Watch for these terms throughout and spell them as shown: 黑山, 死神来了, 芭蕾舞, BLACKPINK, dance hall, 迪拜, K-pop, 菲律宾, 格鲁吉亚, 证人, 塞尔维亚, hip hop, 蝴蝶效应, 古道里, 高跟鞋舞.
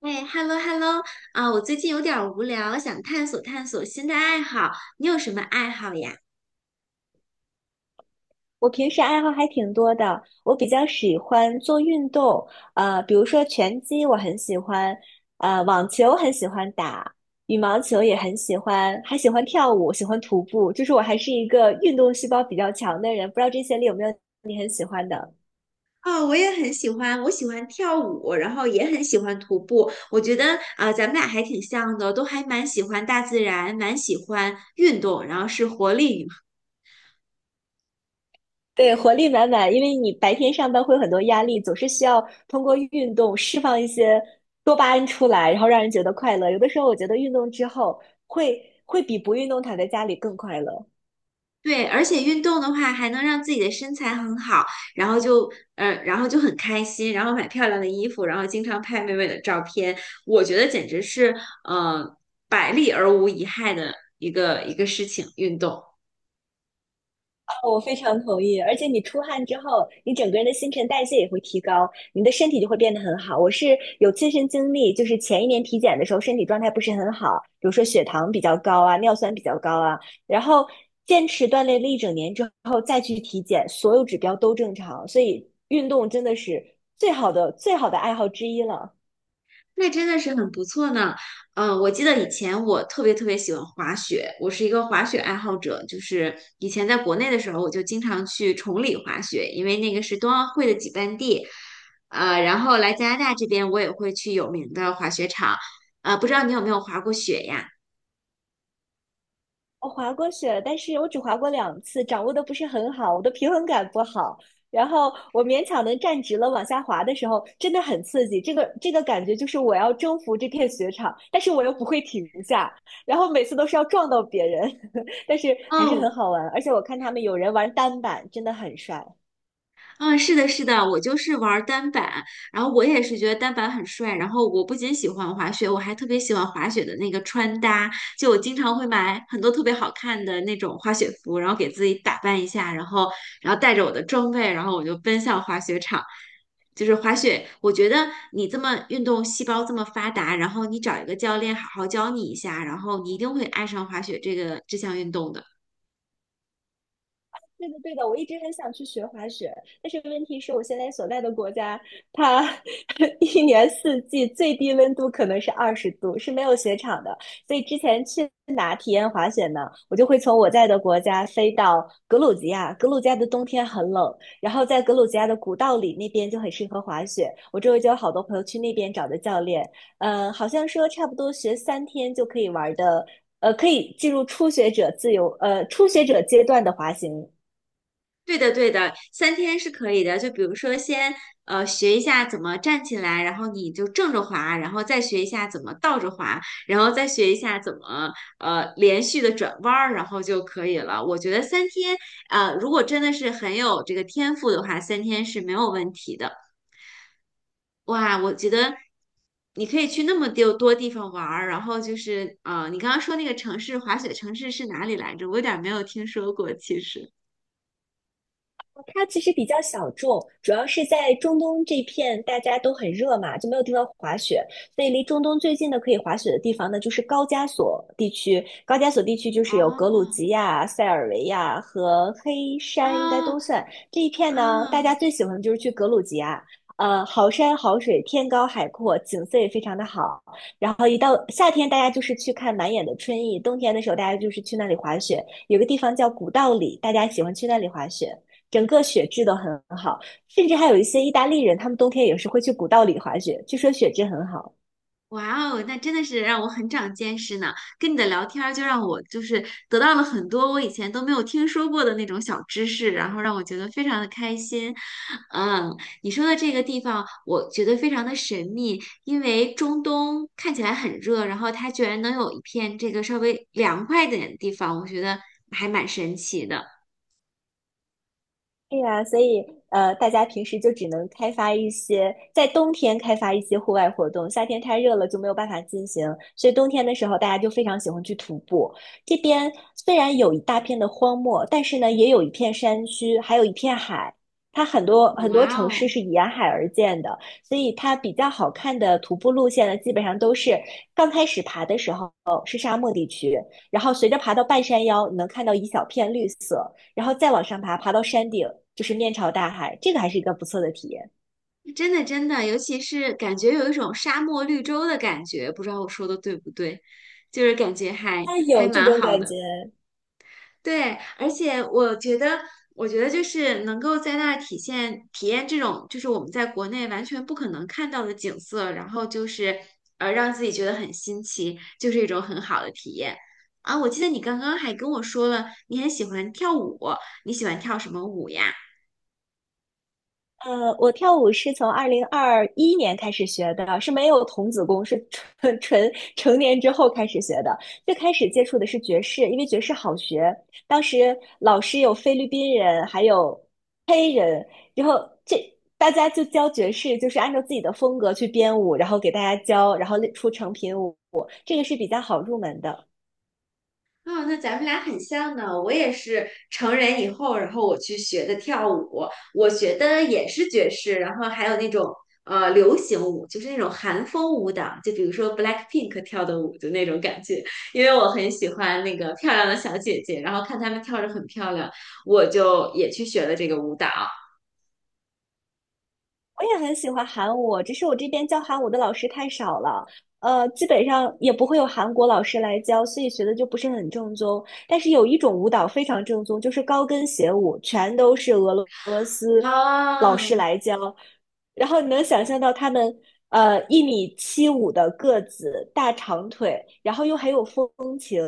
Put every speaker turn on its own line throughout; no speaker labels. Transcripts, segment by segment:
哎，hello hello，啊，我最近有点儿无聊，想探索探索新的爱好。你有什么爱好呀？
我平时爱好还挺多的，我比较喜欢做运动，比如说拳击我很喜欢，网球很喜欢打，羽毛球也很喜欢，还喜欢跳舞，喜欢徒步，就是我还是一个运动细胞比较强的人，不知道这些里有没有你很喜欢的？
哦，我也很喜欢，我喜欢跳舞，然后也很喜欢徒步。我觉得啊，咱们俩还挺像的，都还蛮喜欢大自然，蛮喜欢运动，然后是活力
对，活力满满，因为你白天上班会有很多压力，总是需要通过运动释放一些多巴胺出来，然后让人觉得快乐。有的时候我觉得运动之后会会比不运动躺在家里更快乐。
对，而且运动的话还能让自己的身材很好，然后就然后就很开心，然后买漂亮的衣服，然后经常拍美美的照片，我觉得简直是呃百利而无一害的一个事情，运动。
我非常同意，而且你出汗之后，你整个人的新陈代谢也会提高，你的身体就会变得很好。我是有亲身经历，就是前一年体检的时候，身体状态不是很好，比如说血糖比较高啊，尿酸比较高啊，然后坚持锻炼了一整年之后再去体检，所有指标都正常，所以运动真的是最好的最好的爱好之一了。
那真的是很不错呢。嗯，我记得以前我特别特别喜欢滑雪，我是一个滑雪爱好者。就是以前在国内的时候，我就经常去崇礼滑雪，因为那个是冬奥会的举办地。然后来加拿大这边，我也会去有名的滑雪场。啊，不知道你有没有滑过雪呀？
我滑过雪了但是我只滑过两次，掌握的不是很好，我的平衡感不好。然后我勉强能站直了，往下滑的时候真的很刺激，这个感觉就是我要征服这片雪场，但是我又不会停下，然后每次都是要撞到别人，但是还是很
哦，
好玩。而且我看他们有人玩单板，真的很帅。
嗯，是的，是的，我就是玩儿单板，然后我也是觉得单板很帅。然后我不仅喜欢滑雪，我还特别喜欢滑雪的那个穿搭，就我经常会买很多特别好看的那种滑雪服，然后给自己打扮一下，然后然后带着我的装备，然后我就奔向滑雪场。就是滑雪，我觉得你这么运动细胞这么发达，然后你找一个教练好好教你一下，然后你一定会爱上滑雪这项运动的。
对的，对的，我一直很想去学滑雪，但是问题是我现在所在的国家，它 一年四季最低温度可能是20度，是没有雪场的。所以之前去哪体验滑雪呢？我就会从我在的国家飞到格鲁吉亚，格鲁吉亚的冬天很冷，然后在格鲁吉亚的古道里那边就很适合滑雪。我周围就有好多朋友去那边找的教练，嗯、好像说差不多学3天就可以玩的。可以进入初学者自由，初学者阶段的滑行，
对的，对的，3天是可以的。就比如说先，学一下怎么站起来，然后你就正着滑，然后再学一下怎么倒着滑，然后再学一下怎么连续的转弯儿，然后就可以了。我觉得三天，呃，如果真的是很有这个天赋的话，三天是没有问题的。哇，我觉得你可以去那么多地方玩儿，然后就是你刚刚说那个城市滑雪城市是哪里来着？我有点儿没有听说过，其实。
它其实比较小众，主要是在中东这片大家都很热嘛，就没有地方滑雪，所以离中东最近的可以滑雪的地方呢，就是高加索地区。高加索地区就是有格鲁
哦，
吉亚、塞尔维亚和黑山，应该都
啊，
算这一片
啊，
呢。大家最喜欢的就是去格鲁吉亚，好山好水，天高海阔，景色也非常的好。然后一到夏天，大家就是去看满眼的春意；冬天的时候，大家就是去那里滑雪。有个地方叫古道里，大家喜欢去那里滑雪。整个雪质都很好，甚至还有一些意大利人，他们冬天也是会去古道里滑雪，据说雪质很好。
哇哦，那真的是让我很长见识呢。跟你的聊天儿就让我就是得到了很多我以前都没有听说过的那种小知识，然后让我觉得非常的开心。嗯，你说的这个地方，我觉得非常的神秘，因为中东看起来很热，然后它居然能有一片这个稍微凉快一点的地方，我觉得还蛮神奇的。
对呀，所以大家平时就只能开发一些，在冬天开发一些户外活动，夏天太热了就没有办法进行，所以冬天的时候大家就非常喜欢去徒步。这边虽然有一大片的荒漠，但是呢，也有一片山区，还有一片海。它很多很多
哇
城市
哦！
是沿海而建的，所以它比较好看的徒步路线呢，基本上都是刚开始爬的时候是沙漠地区，然后随着爬到半山腰，你能看到一小片绿色。然后再往上爬，爬到山顶，就是面朝大海，这个还是一个不错的体验。
真的真的，尤其是感觉有一种沙漠绿洲的感觉，不知道我说的对不对，就是感觉还
它
还
有这
蛮
种
好
感觉。
的。对，而且我觉得，我觉得就是能够在那儿体现体验这种，就是我们在国内完全不可能看到的景色，然后就是让自己觉得很新奇，就是一种很好的体验。啊，我记得你刚刚还跟我说了，你很喜欢跳舞，你喜欢跳什么舞呀？
我跳舞是从2021年开始学的，是没有童子功，是纯 纯成年之后开始学的。最开始接触的是爵士，因为爵士好学。当时老师有菲律宾人，还有黑人，然后这大家就教爵士，就是按照自己的风格去编舞，然后给大家教，然后出成品舞，这个是比较好入门的。
啊、那咱们俩很像呢。我也是成人以后，然后我去学的跳舞，我学的也是爵士，然后还有那种流行舞，就是那种韩风舞蹈，就比如说 BLACKPINK 跳的舞的那种感觉。因为我很喜欢那个漂亮的小姐姐，然后看她们跳着很漂亮，我就也去学了这个舞蹈
我也很喜欢韩舞，只是我这边教韩舞的老师太少了，基本上也不会有韩国老师来教，所以学的就不是很正宗。但是有一种舞蹈非常正宗，就是高跟鞋舞，全都是俄罗老师
啊。
来教，然后你能想
我
象到他们1米75的个子，大长腿，然后又很有风情，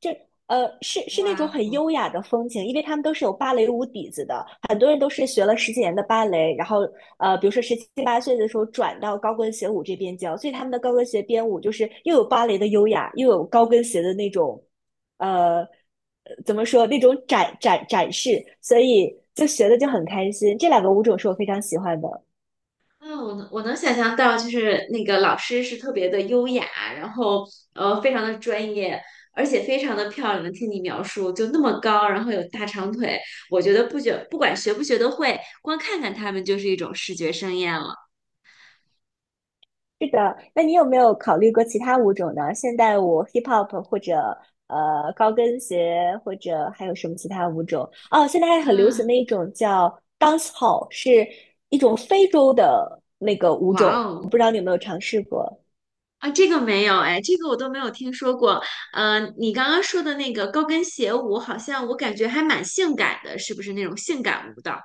这呃是是那种
哇，
很优雅的风情，因为他们都是有芭蕾舞底子的，很多人都是学了10几年的芭蕾，然后比如说17、8岁的时候转到高跟鞋舞这边教，所以他们的高跟鞋编舞就是又有芭蕾的优雅，又有高跟鞋的那种。呃，怎么说那种展示，所以就学的就很开心。这两个舞种是我非常喜欢的。
嗯，我能想象到，就是那个老师是特别的优雅，然后非常的专业，而且非常的漂亮。听你描述，就那么高，然后有大长腿，我觉得不管学不学得会，光看看他们就是一种视觉盛宴了。
是的，那你有没有考虑过其他舞种呢？现代舞、hip hop 或者高跟鞋，或者还有什么其他舞种？哦，现在还很流行的
嗯，
一种叫 dance hall,是一种非洲的那个舞
哇
种，我
哦，
不知道你有没有尝试过。
啊，这个没有哎，这个我都没有听说过。嗯、你刚刚说的那个高跟鞋舞，好像我感觉还蛮性感的，是不是那种性感舞蹈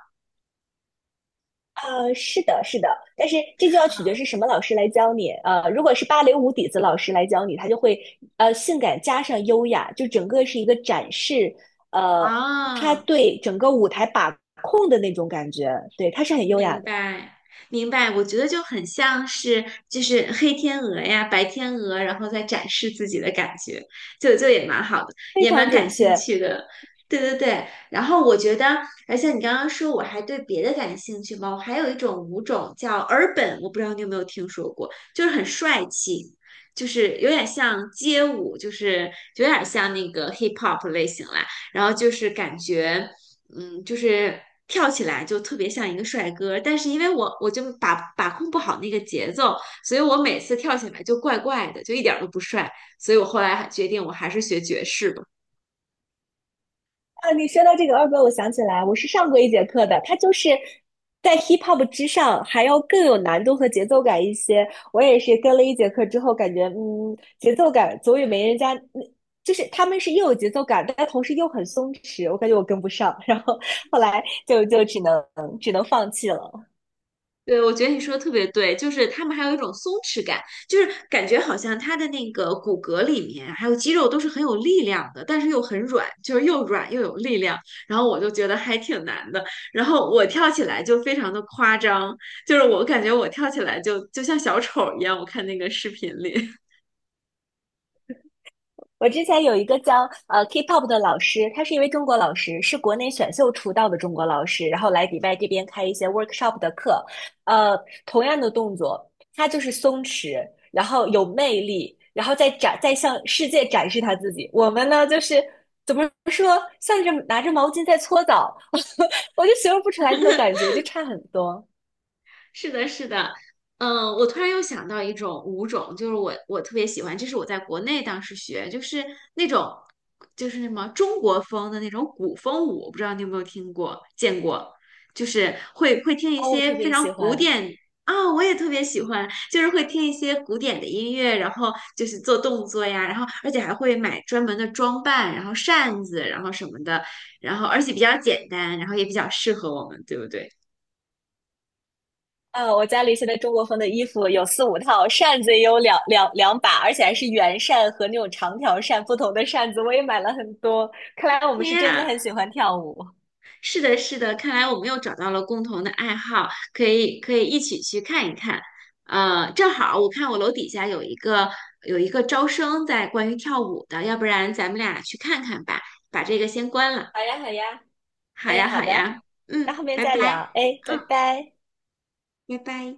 是的，是的，但是这就要取决是什么老师来教你。如果是芭蕾舞底子老师来教你，他就会性感加上优雅，就整个是一个展示。呃，他
啊？
对整个舞台把控的那种感觉，对，他是很优雅
明
的，
白，明白，我觉得就很像是就是黑天鹅呀、白天鹅，然后再展示自己的感觉，就也蛮好的，
非
也
常
蛮感
准
兴
确。
趣的。对对对，然后我觉得，而且你刚刚说我还对别的感兴趣吗？我还有一种舞种叫尔本，我不知道你有没有听说过，就是很帅气，就是有点像街舞，就是有点像那个 hip hop 类型啦。然后就是感觉，嗯，就是跳起来就特别像一个帅哥，但是因为我就把控不好那个节奏，所以我每次跳起来就怪怪的，就一点儿都不帅，所以我后来还决定我还是学爵士吧。
啊，你说到这个二哥，我想起来，我是上过一节课的，它就是在 hip hop 之上还要更有难度和节奏感一些。我也是跟了一节课之后，感觉嗯，节奏感总也没人家，嗯就是他们是又有节奏感，但同时又很松弛，我感觉我跟不上，然后后来就只能放弃了。
对，我觉得你说的特别对，就是他们还有一种松弛感，就是感觉好像他的那个骨骼里面还有肌肉都是很有力量的，但是又很软，就是又软又有力量。然后我就觉得还挺难的，然后我跳起来就非常的夸张，就是我感觉我跳起来就像小丑一样，我看那个视频里。
我之前有一个教K-pop 的老师，他是一位中国老师，是国内选秀出道的中国老师，然后来迪拜这边开一些 workshop 的课。呃，同样的动作，他就是松弛，然后有魅力，然后再展再向世界展示他自己。我们呢，就是怎么说，像是拿着毛巾在搓澡，我就形容不出来那种感觉，就差很多。
是的，是的，嗯，我突然又想到一种舞种，就是我特别喜欢，这是我在国内当时学，就是那种就是什么中国风的那种古风舞，我不知道你有没有听过见过，就是会听一
哦，我特
些非
别
常
喜
古
欢。
典啊，我也特别喜欢，就是会听一些古典的音乐，然后就是做动作呀，然后而且还会买专门的装扮，然后扇子，然后什么的，然后而且比较简单，然后也比较适合我们，对不对？
我家里现在中国风的衣服有四五套，扇子也有两把，而且还是圆扇和那种长条扇，不同的扇子我也买了很多。看来我们是
天
真的
啊！
很喜欢跳舞。
是的，是的，看来我们又找到了共同的爱好，可以一起去看一看。呃，正好我看我楼底下有一个招生在关于跳舞的，要不然咱们俩去看看吧，把这个先关了。
好呀，好呀，
好
哎，
呀，
好
好
的，
呀，
那
嗯，
后面
拜
再
拜，
聊，哎，拜
嗯，
拜。
拜拜。